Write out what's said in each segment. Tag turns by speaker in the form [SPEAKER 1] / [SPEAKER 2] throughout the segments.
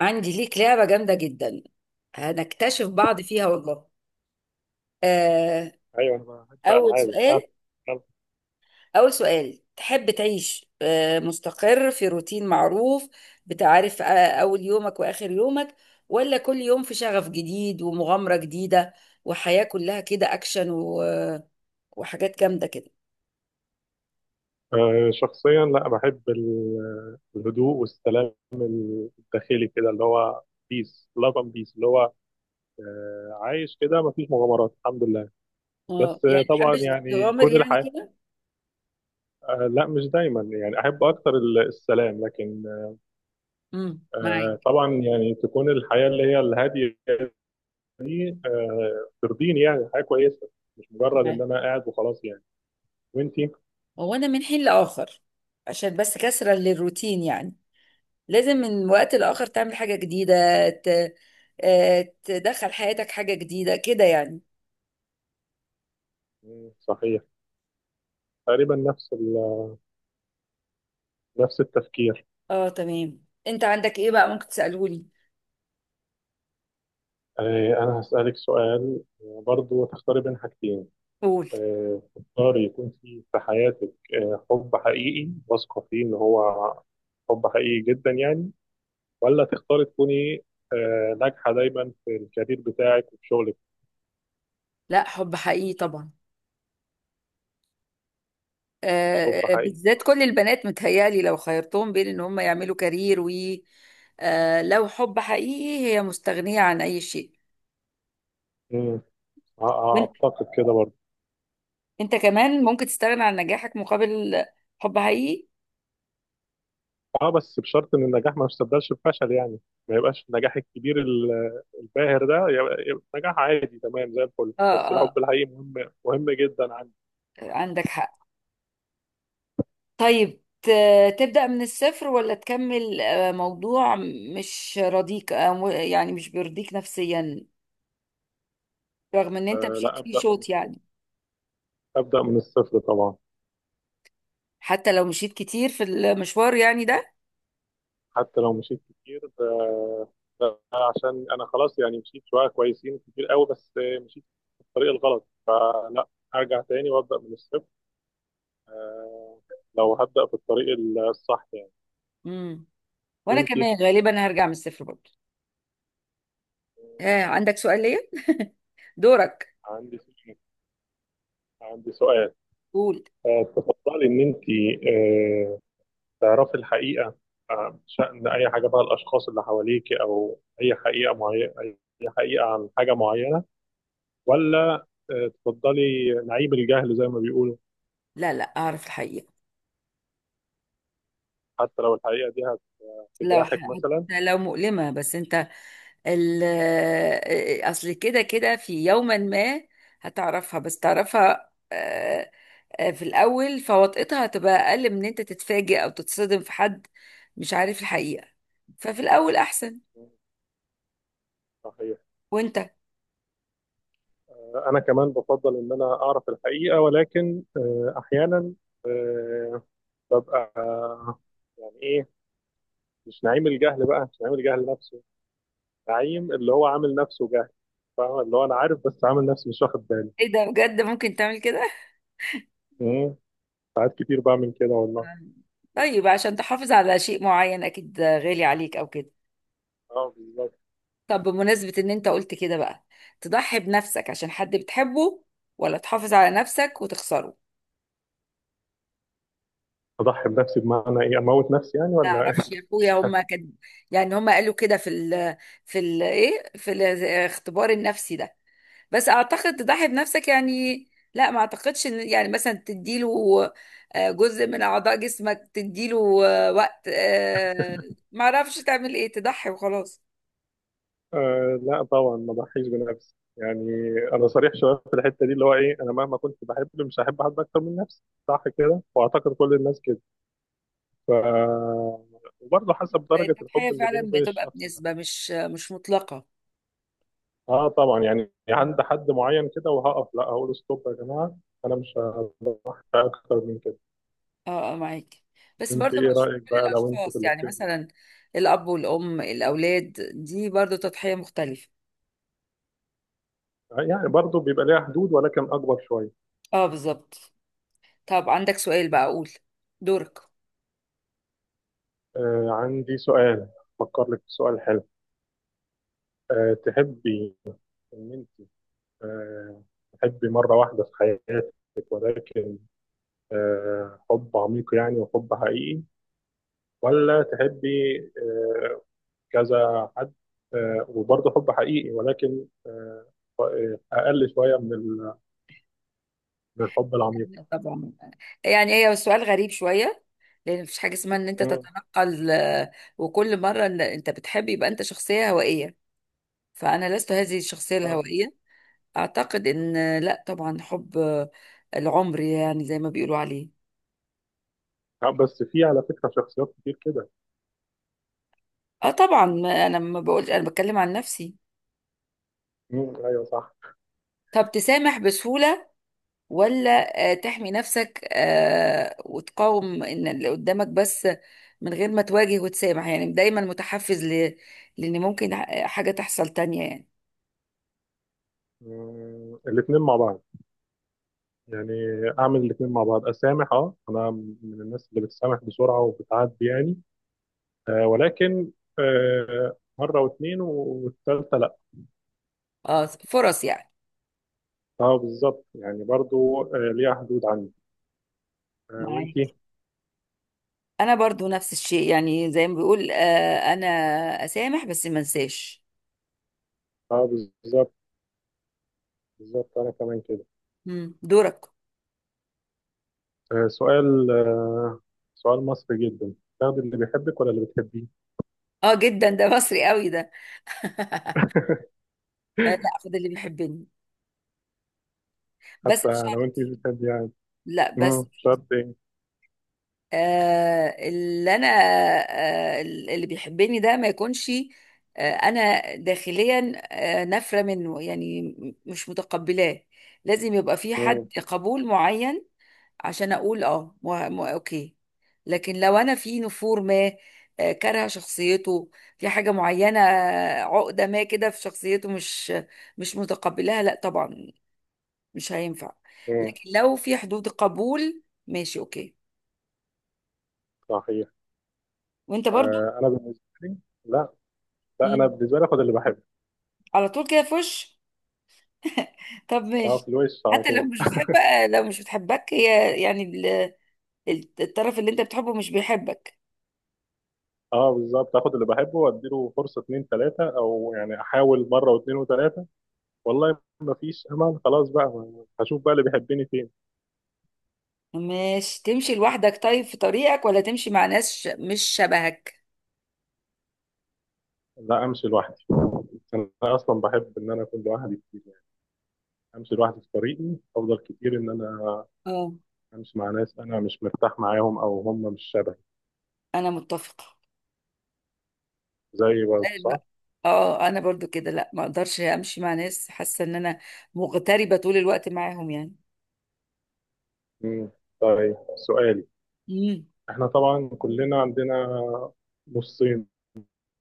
[SPEAKER 1] عندي ليك لعبة جامدة جدا. هنكتشف بعض فيها والله. آه،
[SPEAKER 2] ايوه، انا بحب
[SPEAKER 1] أول
[SPEAKER 2] العابك ها.
[SPEAKER 1] سؤال
[SPEAKER 2] يلا.
[SPEAKER 1] أول سؤال، تحب تعيش مستقر في روتين معروف، بتعرف أول يومك وآخر يومك، ولا كل يوم في شغف جديد ومغامرة جديدة وحياة كلها كده أكشن وحاجات جامدة كده؟
[SPEAKER 2] شخصيا لا بحب الهدوء والسلام الداخلي كده، اللي هو بيس لاف اند بيس، اللي هو عايش كده، مفيش مغامرات، الحمد لله.
[SPEAKER 1] اه
[SPEAKER 2] بس
[SPEAKER 1] يعني
[SPEAKER 2] طبعا
[SPEAKER 1] تحبش
[SPEAKER 2] يعني
[SPEAKER 1] تغامر
[SPEAKER 2] كل
[SPEAKER 1] يعني
[SPEAKER 2] الحياة.
[SPEAKER 1] كده.
[SPEAKER 2] لا، مش دايما، يعني احب اكتر السلام، لكن
[SPEAKER 1] امم. معاك.
[SPEAKER 2] طبعا يعني تكون الحياة اللي هي الهادية دي ترضيني، يعني حياة كويسة. مش مجرد ان
[SPEAKER 1] معاك.
[SPEAKER 2] انا قاعد وخلاص يعني. وانتي؟
[SPEAKER 1] هو أنا من حين لآخر، عشان بس كسرة للروتين يعني، لازم من وقت لآخر تعمل حاجة جديدة، ت... تدخل حياتك حاجة جديدة كده يعني.
[SPEAKER 2] مم، صحيح. تقريبا نفس نفس التفكير.
[SPEAKER 1] اه تمام، انت عندك ايه بقى ممكن تسألوني؟
[SPEAKER 2] أنا هسألك سؤال. برضو تختاري بين حاجتين.
[SPEAKER 1] قول.
[SPEAKER 2] تختاري يكون في حياتك حب حقيقي واثقة فيه إن هو حب حقيقي جدا يعني، ولا تختاري تكوني ناجحة دايما في الكارير بتاعك وفي شغلك؟
[SPEAKER 1] لا، حب حقيقي طبعا.
[SPEAKER 2] حب حقيقي.
[SPEAKER 1] بالذات كل البنات متهيالي لو خيرتهم بين ان هم يعملوا كارير و لو حب حقيقي هي مستغنية عن اي شيء.
[SPEAKER 2] مم.
[SPEAKER 1] وانت
[SPEAKER 2] أعتقد كده برضو.
[SPEAKER 1] انت كمان ممكن تستغنى عن نجاحك مقابل حب حقيقي.
[SPEAKER 2] بس بشرط إن النجاح ما يستبدلش بفشل يعني. ما يبقاش النجاح الكبير الباهر ده يبقى نجاح عادي تمام زي الفل.
[SPEAKER 1] اه
[SPEAKER 2] بس
[SPEAKER 1] اه،
[SPEAKER 2] الحب الحقيقي مهم، مهم جدا.
[SPEAKER 1] عندك حق. طيب، تبدأ من الصفر ولا تكمل موضوع مش راضيك، يعني مش بيرضيك نفسيا رغم ان انت مشيت
[SPEAKER 2] لا،
[SPEAKER 1] فيه
[SPEAKER 2] أبدأ من
[SPEAKER 1] شوط
[SPEAKER 2] الصفر.
[SPEAKER 1] يعني؟
[SPEAKER 2] أبدأ من الصفر طبعا.
[SPEAKER 1] حتى لو مشيت كتير في المشوار يعني ده.
[SPEAKER 2] حتى لو مشيت كتير ده عشان أنا خلاص يعني مشيت شوية كويسين كتير قوي، بس مشيت في الطريق الغلط، فلا، أرجع تاني وأبدأ من الصفر، لو هبدأ في الطريق الصح يعني.
[SPEAKER 1] امم. وانا
[SPEAKER 2] وأنتي؟
[SPEAKER 1] كمان غالبا هرجع من الصفر برضه. عندك سؤال ليا؟ دورك.
[SPEAKER 2] عندي سؤال، عندي سؤال.
[SPEAKER 1] قول.
[SPEAKER 2] تفضلي إن أنتي آه تعرفي الحقيقة، شأن أي حاجة بقى، الأشخاص اللي حواليك، أو أي حقيقة معينة، أي حقيقة عن حاجة معينة، ولا تفضلي نعيب الجهل زي ما بيقولوا؟
[SPEAKER 1] لا، لا، اعرف الحقيقة.
[SPEAKER 2] حتى لو الحقيقة دي
[SPEAKER 1] لو
[SPEAKER 2] هتجرحك مثلا؟
[SPEAKER 1] حتى لو مؤلمة، بس انت اصل كده كده في يوما ما هتعرفها، بس تعرفها في الأول فوطئتها هتبقى أقل من إن أنت تتفاجئ أو تتصدم في حد مش عارف الحقيقة. ففي الأول أحسن.
[SPEAKER 2] صحيح.
[SPEAKER 1] وأنت؟
[SPEAKER 2] أنا كمان بفضل إن أنا أعرف الحقيقة، ولكن أحيانا آه، ببقى يعني إيه، مش نعيم الجهل بقى، مش نعيم الجهل نفسه، نعيم اللي هو عامل نفسه جهل. فاهم؟ اللي هو أنا عارف بس عامل نفسي مش واخد بالي.
[SPEAKER 1] إيه ده، بجد ممكن تعمل كده؟
[SPEAKER 2] مم. ساعات كتير بعمل كده والله.
[SPEAKER 1] طيب، عشان تحافظ على شيء معين أكيد غالي عليك أو كده.
[SPEAKER 2] اه، بالظبط.
[SPEAKER 1] طب بمناسبة إن أنت قلت كده بقى، تضحي بنفسك عشان حد بتحبه ولا تحافظ على نفسك وتخسره؟
[SPEAKER 2] أضحي بنفسي بمعنى إيه؟ أموت نفسي يعني،
[SPEAKER 1] ما
[SPEAKER 2] ولا؟
[SPEAKER 1] اعرفش يا اخويا، هما كان يعني هما قالوا كده في ال في ال ايه في الاختبار النفسي ده. بس اعتقد تضحي بنفسك يعني. لا، ما اعتقدش ان يعني مثلا تديله جزء من اعضاء جسمك، تديله وقت، ما اعرفش تعمل ايه، تضحي وخلاص.
[SPEAKER 2] لا طبعا، ما ضحيش بنفسي يعني. انا صريح شويه في الحته دي، اللي هو ايه، انا مهما كنت بحب، مش هحب حد اكتر من نفسي. صح كده، واعتقد كل الناس كده. ف وبرضه حسب درجه
[SPEAKER 1] التضحية
[SPEAKER 2] الحب اللي بيني
[SPEAKER 1] فعلا
[SPEAKER 2] وبين
[SPEAKER 1] بتبقى
[SPEAKER 2] الشخص ده.
[SPEAKER 1] بنسبة مش مطلقة.
[SPEAKER 2] اه طبعا، يعني عند
[SPEAKER 1] مم.
[SPEAKER 2] حد معين كده وهقف، لا هقول ستوب يا جماعه. انا مش هحب اكتر من كده.
[SPEAKER 1] اه اه معاك، بس
[SPEAKER 2] انت
[SPEAKER 1] برضو
[SPEAKER 2] ايه
[SPEAKER 1] مش
[SPEAKER 2] رايك
[SPEAKER 1] كل
[SPEAKER 2] بقى لو انت في
[SPEAKER 1] الاشخاص يعني،
[SPEAKER 2] الاختيار ده؟
[SPEAKER 1] مثلا الاب والام الاولاد دي برضو تضحية مختلفة.
[SPEAKER 2] يعني برضه بيبقى ليها حدود، ولكن اكبر شويه.
[SPEAKER 1] اه بالظبط. طب عندك سؤال بقى؟ اقول. دورك.
[SPEAKER 2] عندي سؤال. فكر لك في سؤال حلو. تحبي ان انت آه، حبي مرة واحدة في حياتك، ولكن حب عميق يعني وحب حقيقي، ولا تحبي آه، كذا حد، وبرضه حب حقيقي، ولكن أقل شوية من الحب العميق؟
[SPEAKER 1] لا طبعا. يعني هي سؤال غريب شوية، لأن مفيش حاجة اسمها إن أنت
[SPEAKER 2] مم.
[SPEAKER 1] تتنقل، وكل مرة إن أنت بتحب يبقى أنت شخصية هوائية. فأنا لست هذه الشخصية
[SPEAKER 2] آه.
[SPEAKER 1] الهوائية. أعتقد إن لا طبعا، حب العمر يعني زي ما بيقولوا عليه.
[SPEAKER 2] بس في على فكرة شخصيات كتير كده.
[SPEAKER 1] أه طبعا، أنا ما بقولش، أنا بتكلم عن نفسي.
[SPEAKER 2] مم. أيوه صح.
[SPEAKER 1] طب تسامح بسهولة ولا تحمي نفسك وتقاوم ان اللي قدامك، بس من غير ما تواجه وتسامح، يعني دايما متحفز لان ممكن حاجة تحصل تانية يعني؟
[SPEAKER 2] مم. الاتنين مع بعض، يعني أعمل الاتنين مع بعض، أسامح. أنا من الناس اللي بتسامح بسرعة وبتعدي، يعني ولكن مرة واثنين والثالثة لا.
[SPEAKER 1] اه، فرص يعني.
[SPEAKER 2] اه بالظبط، يعني برضو ليها حدود عندي.
[SPEAKER 1] معاك.
[SPEAKER 2] وانتي؟
[SPEAKER 1] انا برضو نفس الشيء يعني، زي ما بيقول انا اسامح بس ما انساش.
[SPEAKER 2] اه بالظبط. بالظبط، انا كمان كده.
[SPEAKER 1] مم، دورك.
[SPEAKER 2] سؤال، سؤال مصري جدا. تاخدي اللي بيحبك ولا اللي بتحبيه؟
[SPEAKER 1] اه جدا، ده مصري قوي ده. لا، اخد اللي بيحبني، بس
[SPEAKER 2] حتى
[SPEAKER 1] مش
[SPEAKER 2] لو انت
[SPEAKER 1] شرط.
[SPEAKER 2] مش بتحبي يعني؟
[SPEAKER 1] لا بس
[SPEAKER 2] مم، شرط ايه؟
[SPEAKER 1] آه، اللي انا آه، اللي بيحبني ده ما يكونش انا داخليا نافره منه يعني، مش متقبلاه. لازم يبقى في
[SPEAKER 2] مم،
[SPEAKER 1] حد قبول معين عشان اقول اه اوكي. لكن لو انا في نفور ما، كارهه شخصيته في حاجه معينه، عقده ما كده في شخصيته، مش متقبلاها، لا طبعا مش هينفع.
[SPEAKER 2] مم،
[SPEAKER 1] لكن لو في حدود قبول ماشي اوكي.
[SPEAKER 2] صحيح.
[SPEAKER 1] وانت برضو؟
[SPEAKER 2] انا بالنسبة لي، لا. لا، انا بالنسبة لي اخد اللي بحبه.
[SPEAKER 1] على طول كده في وش! طب
[SPEAKER 2] اه، في
[SPEAKER 1] ماشي.
[SPEAKER 2] الوش على
[SPEAKER 1] حتى لو
[SPEAKER 2] طول.
[SPEAKER 1] مش بتحب، لو مش بتحبك هي يعني الطرف اللي انت بتحبه مش بيحبك.
[SPEAKER 2] اه بالظبط، اخد اللي بحبه واديله فرصة اتنين تلاتة، او يعني احاول مرة واتنين وتلاتة. والله ما فيش امل خلاص بقى، هشوف بقى اللي بيحبني فين.
[SPEAKER 1] ماشي. تمشي لوحدك طيب في طريقك ولا تمشي مع ناس مش شبهك؟
[SPEAKER 2] لا، امشي لوحدي. انا اصلا بحب ان انا اكون لوحدي كتير يعني. امشي لوحدي في طريقي، افضل كتير ان انا
[SPEAKER 1] اه،
[SPEAKER 2] امشي مع ناس انا مش مرتاح معاهم، او هم مش شبهي.
[SPEAKER 1] انا متفقة.
[SPEAKER 2] زي برضه،
[SPEAKER 1] طيب
[SPEAKER 2] صح.
[SPEAKER 1] بقى. اه، انا برضو كده، لا ما اقدرش امشي مع ناس حاسه ان انا مغتربه طول الوقت معاهم يعني.
[SPEAKER 2] مم. طيب، سؤالي:
[SPEAKER 1] امم.
[SPEAKER 2] احنا طبعا كلنا عندنا نصين،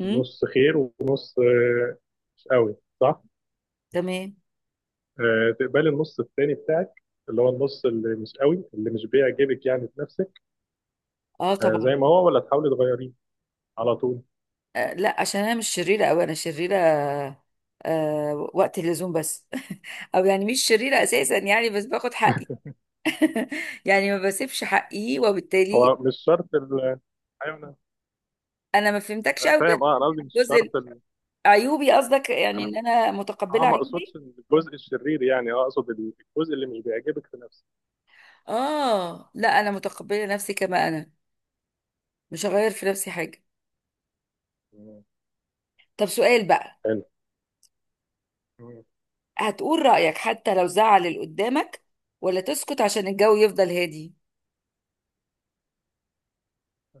[SPEAKER 1] امم.
[SPEAKER 2] نص خير ونص مش قوي، صح.
[SPEAKER 1] تمام.
[SPEAKER 2] تقبلي النص التاني بتاعك، اللي هو النص اللي مش قوي، اللي مش بيعجبك يعني في نفسك،
[SPEAKER 1] اه
[SPEAKER 2] زي
[SPEAKER 1] طبعا،
[SPEAKER 2] ما هو، ولا تحاولي تغيريه على طول؟
[SPEAKER 1] لا عشان انا مش شريره قوي، انا شريره وقت اللزوم بس او يعني مش شريره اساسا يعني، بس باخد حقي. يعني ما بسيبش حقي،
[SPEAKER 2] هو
[SPEAKER 1] وبالتالي.
[SPEAKER 2] مش شرط ايوه، انا.
[SPEAKER 1] انا ما فهمتكش
[SPEAKER 2] أنا
[SPEAKER 1] قوي. انا
[SPEAKER 2] فاهم. اه انا
[SPEAKER 1] فهمت
[SPEAKER 2] قصدي مش
[SPEAKER 1] الجزء
[SPEAKER 2] شرط
[SPEAKER 1] عيوبي قصدك، يعني
[SPEAKER 2] انا.
[SPEAKER 1] ان انا
[SPEAKER 2] اه
[SPEAKER 1] متقبله
[SPEAKER 2] ما اقصدش
[SPEAKER 1] عيوبي.
[SPEAKER 2] الجزء الشرير يعني، اقصد الجزء اللي مش بيعجبك في نفسك.
[SPEAKER 1] اه لا، انا متقبله نفسي كما انا، مش هغير في نفسي حاجه.
[SPEAKER 2] مم.
[SPEAKER 1] طب سؤال بقى.
[SPEAKER 2] حلو. مم.
[SPEAKER 1] هتقول رايك حتى لو زعل اللي قدامك ولا تسكت عشان الجو يفضل هادي؟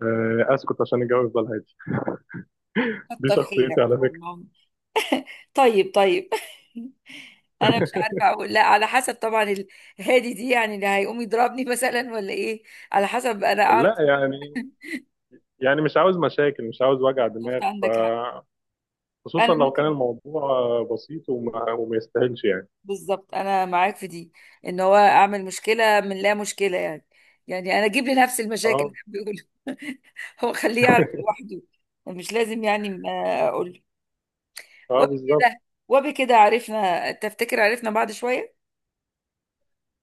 [SPEAKER 2] اسكت عشان الجو يفضل هادي. دي
[SPEAKER 1] كتر
[SPEAKER 2] شخصيتي
[SPEAKER 1] خيرك
[SPEAKER 2] على فكره.
[SPEAKER 1] والله. طيب، طيب. انا مش عارفه اقول، لا على حسب طبعا. الهادي دي يعني اللي هيقوم يضربني مثلا، ولا ايه؟ على حسب، انا اعرف.
[SPEAKER 2] لا يعني، يعني مش عاوز مشاكل، مش عاوز وجع دماغ،
[SPEAKER 1] بالظبط، عندك حق. انا
[SPEAKER 2] خصوصا لو كان
[SPEAKER 1] ممكن.
[SPEAKER 2] الموضوع بسيط وما يستاهلش يعني.
[SPEAKER 1] بالظبط، انا معاك في دي، ان هو اعمل مشكله من لا مشكله يعني. يعني انا اجيب لنفسي المشاكل اللي
[SPEAKER 2] اه.
[SPEAKER 1] بيقولوا. هو خليه يعرف لوحده. مش لازم يعني ما اقول له.
[SPEAKER 2] اه بالظبط.
[SPEAKER 1] وبكده وبكده عرفنا، تفتكر عرفنا بعض شويه؟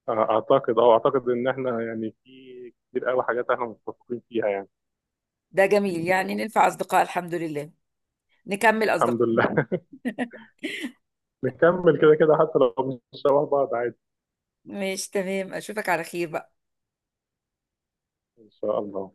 [SPEAKER 2] اعتقد ان احنا يعني في كتير قوي حاجات احنا متفقين فيها يعني.
[SPEAKER 1] ده جميل يعني، ننفع اصدقاء الحمد لله. نكمل اصدقاء.
[SPEAKER 2] الحمد لله، نكمل كده كده، حتى لو مش شبه بعض، عادي.
[SPEAKER 1] مش تمام؟ اشوفك على خير بقى.
[SPEAKER 2] ان شاء الله.